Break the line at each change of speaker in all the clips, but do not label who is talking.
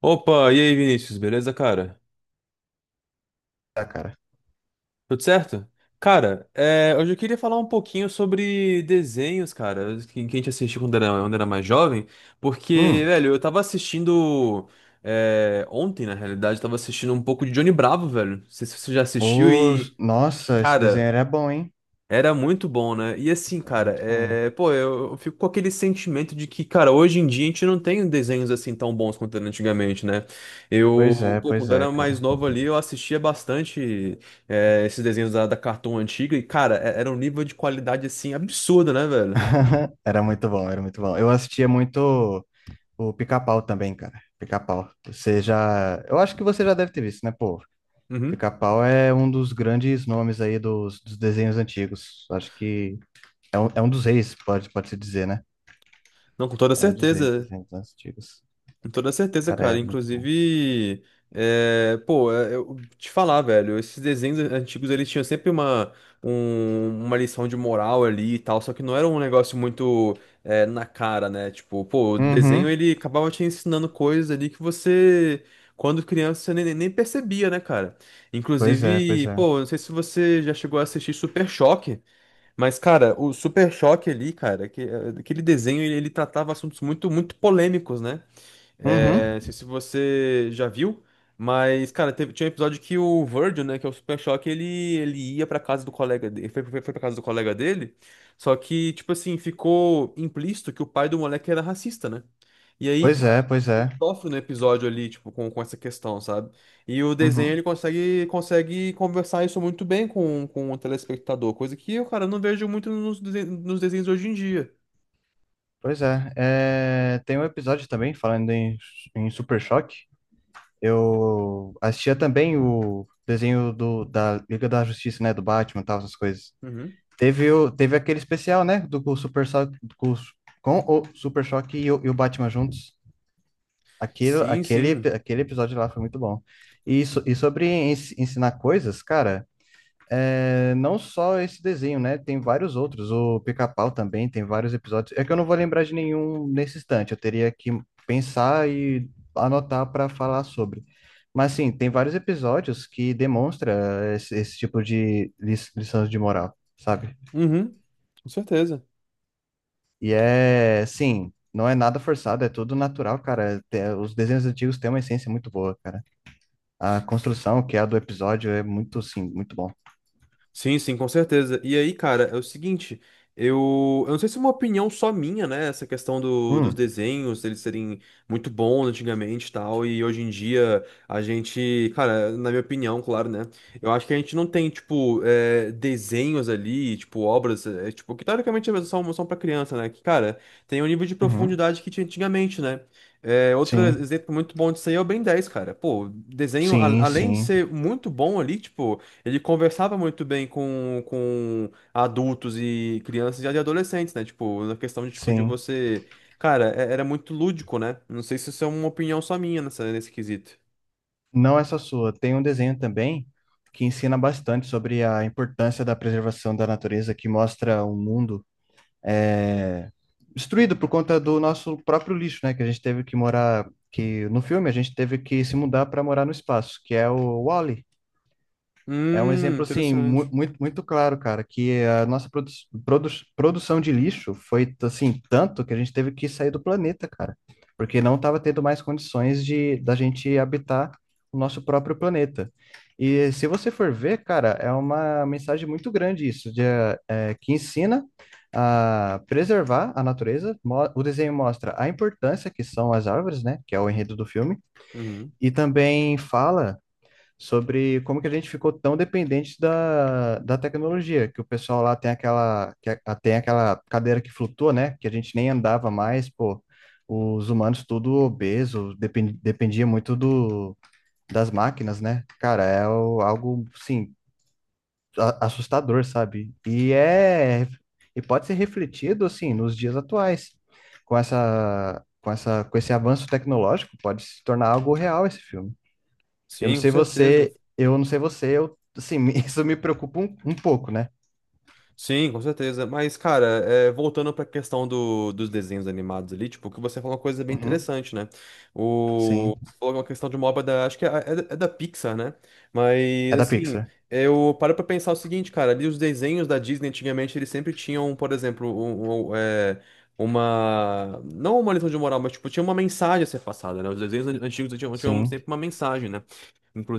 Opa, e aí, Vinícius, beleza, cara?
Tá, cara.
Tudo certo? Cara, hoje eu queria falar um pouquinho sobre desenhos, cara, que a gente assistiu quando era mais jovem, porque,
Hum.
velho, eu tava assistindo ontem, na realidade, eu tava assistindo um pouco de Johnny Bravo, velho. Não sei se você já assistiu e,
Nossa, esse desenho
cara,
era bom, hein?
Era muito bom, né? E assim,
Era
cara,
muito bom.
eu fico com aquele sentimento de que, cara, hoje em dia a gente não tem desenhos assim tão bons quanto era antigamente, né? Eu, pô,
Pois
quando
é,
era
cara.
mais novo ali, eu assistia bastante esses desenhos da Cartoon antiga e, cara, era um nível de qualidade assim absurdo, né, velho?
Era muito bom, era muito bom. Eu assistia muito o Pica-Pau também, cara. Pica-Pau. Eu acho que você já deve ter visto, né, pô?
Uhum.
Pica-Pau é um dos grandes nomes aí dos desenhos antigos. Acho que é um dos reis, pode-se dizer, né?
Não, com toda
É um dos reis dos
certeza.
desenhos antigos.
Com toda certeza,
Cara, é
cara.
muito bom.
Inclusive, eu te falar, velho, esses desenhos antigos eles tinham sempre uma lição de moral ali e tal, só que não era um negócio muito na cara, né? Tipo, pô, o desenho
Uhum.
ele acabava te ensinando coisas ali que você, quando criança, você nem percebia, né, cara?
Pois é, pois
Inclusive,
é.
pô, não sei se você já chegou a assistir Super Choque. Mas, cara, o Super Choque ali, cara, que, aquele desenho, ele tratava assuntos muito, muito polêmicos, né?
Uhum.
É, não sei se você já viu, mas, cara, tinha um episódio que o Virgil, né, que é o Super Choque, ele ia pra casa do colega dele, foi pra casa do colega dele, só que, tipo assim, ficou implícito que o pai do moleque era racista, né? E aí,
Pois é,
cara,
pois é.
ele sofre no episódio ali, tipo, com essa questão, sabe? E o desenho,
Uhum.
ele consegue conversar isso muito bem com o telespectador, coisa que eu, cara, não vejo muito nos desenhos hoje em dia.
Pois é, tem um episódio também falando em Super Choque. Eu assistia também o desenho da Liga da Justiça, né? Do Batman e tal, essas coisas.
Uhum.
Teve aquele especial, né? Do com, o- Super Choque, com o Super Choque e o Batman juntos. Aquilo,
Sim,
aquele,
sim.
aquele episódio lá foi muito bom. E sobre ensinar coisas, cara. É, não só esse desenho, né? Tem vários outros. O Pica-Pau também tem vários episódios. É que eu não vou lembrar de nenhum nesse instante. Eu teria que pensar e anotar para falar sobre. Mas sim, tem vários episódios que demonstra esse tipo de lições de moral, sabe?
Uhum. Com certeza.
E é, sim, não é nada forçado, é tudo natural, cara. Os desenhos antigos têm uma essência muito boa, cara. A construção, que é a do episódio, é muito, sim, muito bom.
Sim, sim, com certeza. E aí, cara, é o seguinte, eu não sei se é uma opinião só minha, né? Essa questão dos
Hum.
desenhos, eles serem muito bons antigamente e tal, e hoje em dia a gente, cara, na minha opinião, claro, né? Eu acho que a gente não tem, tipo, é, desenhos ali, tipo, obras, é, tipo, que teoricamente são pra criança, né? Que, cara, tem um nível de
Uhum.
profundidade que tinha antigamente, né? É, outro
Sim,
exemplo muito bom disso aí é o Ben 10, cara. Pô, desenho,
sim,
além de
sim.
ser muito bom ali, tipo. Ele conversava muito bem com adultos e crianças e adolescentes, né? Tipo, na questão de, tipo, de
Sim,
você... Cara, era muito lúdico, né? Não sei se isso é uma opinião só minha nessa, nesse quesito.
não essa sua. Tem um desenho também que ensina bastante sobre a importância da preservação da natureza, que mostra um mundo é, destruído por conta do nosso próprio lixo, né? Que a gente teve que morar, que no filme a gente teve que se mudar para morar no espaço, que é o wall. É um exemplo assim
Interessante.
muito muito claro, cara, que a nossa produ produção de lixo foi assim tanto que a gente teve que sair do planeta, cara, porque não estava tendo mais condições de da gente habitar o nosso próprio planeta. E se você for ver, cara, é uma mensagem muito grande isso, que ensina a preservar a natureza. O desenho mostra a importância que são as árvores, né, que é o enredo do filme,
Uhum.
e também fala sobre como que a gente ficou tão dependente da tecnologia, que o pessoal lá tem aquela cadeira que flutua, né? Que a gente nem andava mais, pô. Os humanos tudo obeso, dependia muito das máquinas, né? Cara, algo, sim, assustador, sabe? E pode ser refletido, assim, nos dias atuais. Com esse avanço tecnológico, pode se tornar algo real esse filme. Eu não
Sim, com
sei
certeza.
você, eu não sei você, eu, assim, isso me preocupa um pouco, né?
Sim, com certeza. Mas, cara, é, voltando pra questão dos desenhos animados ali, tipo, o que você falou é uma coisa bem
Uhum,
interessante, né?
sim.
Você falou uma questão de uma obra da. Acho que é da Pixar, né? Mas,
É da
assim,
Pixar.
eu paro pra pensar o seguinte, cara. Ali os desenhos da Disney antigamente, eles sempre tinham, por exemplo, um, é, uma. Não uma lição de moral, mas, tipo, tinha uma mensagem a ser passada, né? Os desenhos antigos tinham
Sim.
sempre uma mensagem, né?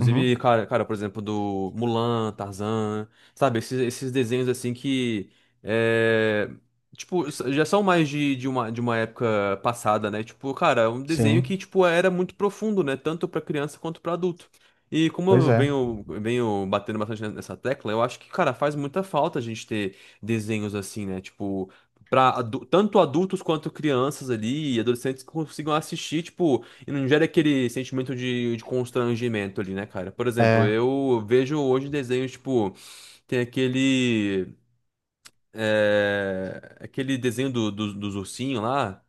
Uhum,
cara, por exemplo, do Mulan, Tarzan, sabe? Esses, esses desenhos, assim, que. é, Tipo, já são mais de uma época passada, né? Tipo, cara, é um desenho que,
sim.
tipo, era muito profundo, né? Tanto pra criança quanto pra adulto. E como
Pois
eu
é.
venho batendo bastante nessa tecla, eu acho que, cara, faz muita falta a gente ter desenhos assim, né? Tipo, tanto adultos quanto crianças ali e adolescentes que consigam assistir, tipo, e não gera aquele sentimento de constrangimento ali, né, cara? Por exemplo,
É,
eu vejo hoje desenhos, tipo, tem aquele aquele desenho dos ursinhos lá,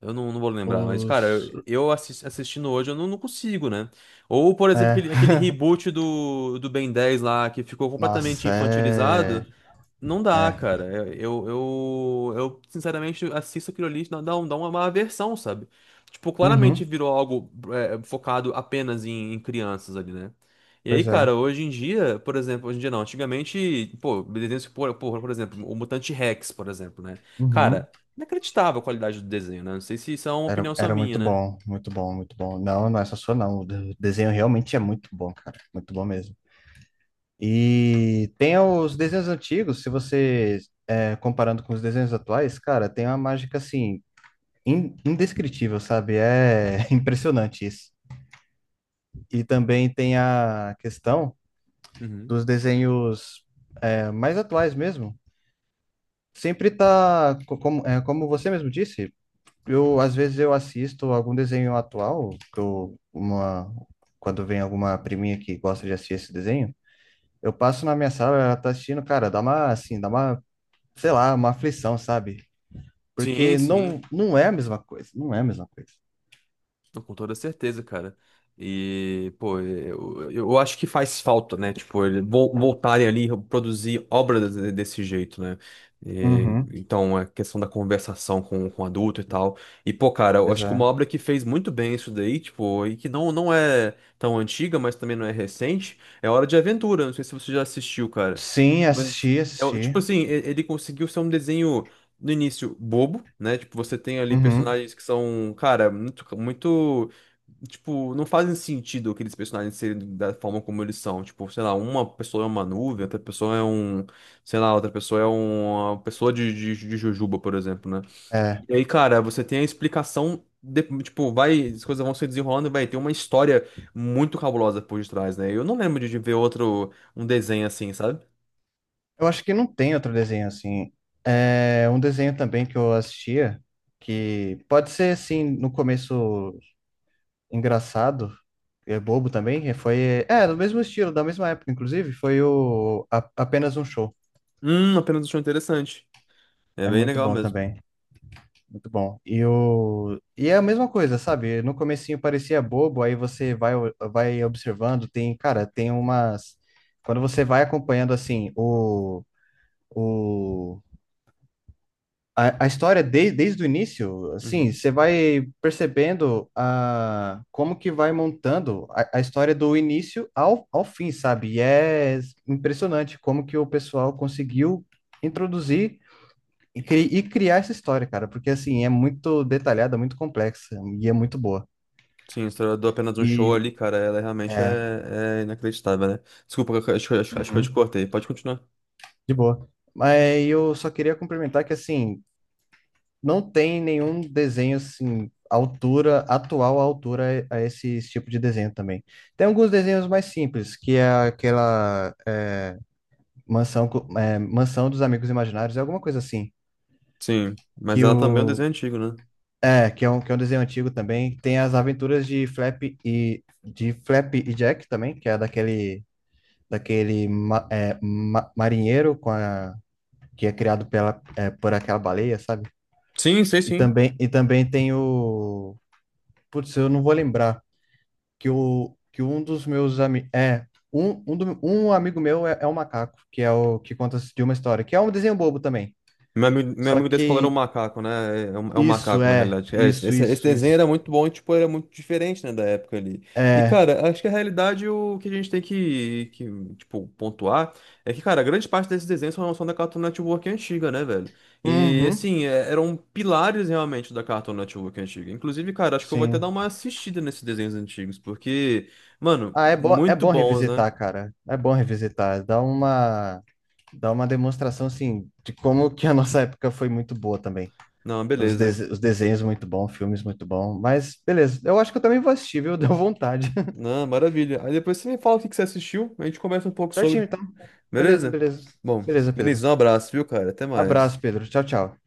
eu não vou lembrar, mas, cara,
os,
eu, assistindo hoje, eu não consigo, né? Ou, por exemplo,
é.
aquele, aquele reboot do Ben dez lá, que ficou completamente
Nossa,
infantilizado. Não
é,
dá,
é.
cara. Eu sinceramente assisto aquilo ali, dá uma aversão, sabe? Tipo,
Uhum,
claramente virou algo é, focado apenas em crianças ali, né? E aí,
pois é.
cara, hoje em dia, por exemplo, hoje em dia não, antigamente, pô, desenhos, por exemplo, o Mutante Rex, por exemplo, né?
Uhum.
Cara, inacreditável a qualidade do desenho, né? Não sei se isso é uma
Era,
opinião só
era
minha,
muito
né?
bom, muito bom, muito bom. Não, não é só sua, não. O desenho realmente é muito bom, cara. Muito bom mesmo. E tem os desenhos antigos, se você, comparando com os desenhos atuais, cara, tem uma mágica, assim, indescritível, sabe? É impressionante isso. E também tem a questão
Uhum.
dos desenhos mais atuais mesmo. Sempre tá, como você mesmo disse, eu às vezes eu assisto algum desenho atual, quando vem alguma priminha que gosta de assistir esse desenho, eu passo na minha sala, ela tá assistindo, cara, dá uma, assim, dá uma, sei lá, uma aflição, sabe?
Sim,
Porque não,
sim.
não é a mesma coisa, não é a mesma coisa.
Não, com toda certeza, cara. E, pô, eu acho que faz falta, né? Tipo, ele voltarem ali a produzir desse jeito, né? E,
Uhum.
então, a questão da conversação com adulto e tal. E, pô, cara, eu
Pois
acho que
é.
uma obra que fez muito bem isso daí, tipo, e que não é tão antiga, mas também não é recente, é Hora de Aventura. Não sei se você já assistiu, cara.
Sim,
Mas,
assisti,
é,
assisti.
tipo assim, ele conseguiu ser um desenho no início bobo, né? Tipo, você tem ali
Uhum,
personagens que são, cara, muito, muito, tipo, não fazem sentido aqueles personagens serem da forma como eles são. Tipo, sei lá, uma pessoa é uma nuvem, outra pessoa é um, sei lá, outra pessoa é uma pessoa de jujuba, por exemplo, né?
é.
E aí, cara, você tem a explicação tipo, vai, as coisas vão se desenrolando e vai ter uma história muito cabulosa por detrás, né? Eu não lembro de ver outro, um desenho assim, sabe?
Eu acho que não tem outro desenho assim. É um desenho também que eu assistia, que pode ser assim, no começo engraçado, é bobo também, e foi. É, do mesmo estilo, da mesma época, inclusive, foi o Apenas um Show.
Apenas achou interessante. É
É
bem
muito
legal
bom
mesmo.
também. Muito bom. E é a mesma coisa, sabe? No comecinho parecia bobo, aí você vai observando, tem, cara, tem umas. Quando você vai acompanhando assim, O, a história desde o início, assim,
Uhum.
você vai percebendo como que vai montando a história do início ao fim, sabe? E é impressionante como que o pessoal conseguiu introduzir e criar essa história, cara, porque assim, é muito detalhada, muito complexa e é muito boa.
Sim, a história do apenas um show
E
ali, cara, ela realmente
é,
é inacreditável, né? Desculpa, acho que eu te
uhum,
cortei. Pode continuar.
de boa. Mas eu só queria complementar que assim, não tem nenhum desenho assim, atual à altura a esse tipo de desenho também. Tem alguns desenhos mais simples, que é aquela mansão dos Amigos Imaginários, é alguma coisa assim,
Sim, mas
que
ela também é um desenho
o
antigo, né?
que é um desenho antigo também, tem as aventuras de Flap e Jack também, que é daquele marinheiro com a que é criado por aquela baleia, sabe?
Sim, sei
E
sim.
também, e também tem o Putz, eu não vou lembrar que um dos meus amigos. É, um amigo meu é um macaco, que é o que conta de uma história, que é um desenho bobo também.
Meu
Só
amigo da escola era um
que
macaco, né? É um
isso
macaco, na
é,
realidade. É,
isso,
esse
isso,
desenho
isso.
era muito bom e, tipo, era muito diferente, né, da época ali. E,
É.
cara, acho que a realidade, o que a gente tem tipo, pontuar é que, cara, grande parte desses desenhos são da Cartoon Network antiga, né, velho? E,
Uhum,
assim, eram pilares, realmente, da Cartoon Network antiga. Inclusive, cara, acho que eu vou até dar
sim.
uma assistida nesses desenhos antigos, porque, mano,
Ah, é
muito
bom
bons, né?
revisitar, cara. É bom revisitar. Dá uma demonstração, assim, de como que a nossa época foi muito boa também.
Não,
Os,
beleza.
dese- os desenhos muito bom, filmes muito bom. Mas, beleza. Eu acho que eu também vou assistir, viu? Deu vontade.
Não, maravilha. Aí depois você me fala o que que você assistiu, a gente conversa um pouco
Certinho,
sobre.
então. Beleza,
Beleza?
beleza.
Bom,
Beleza, Pedro.
Vinícius, um abraço, viu, cara? Até
Abraço,
mais.
Pedro. Tchau, tchau.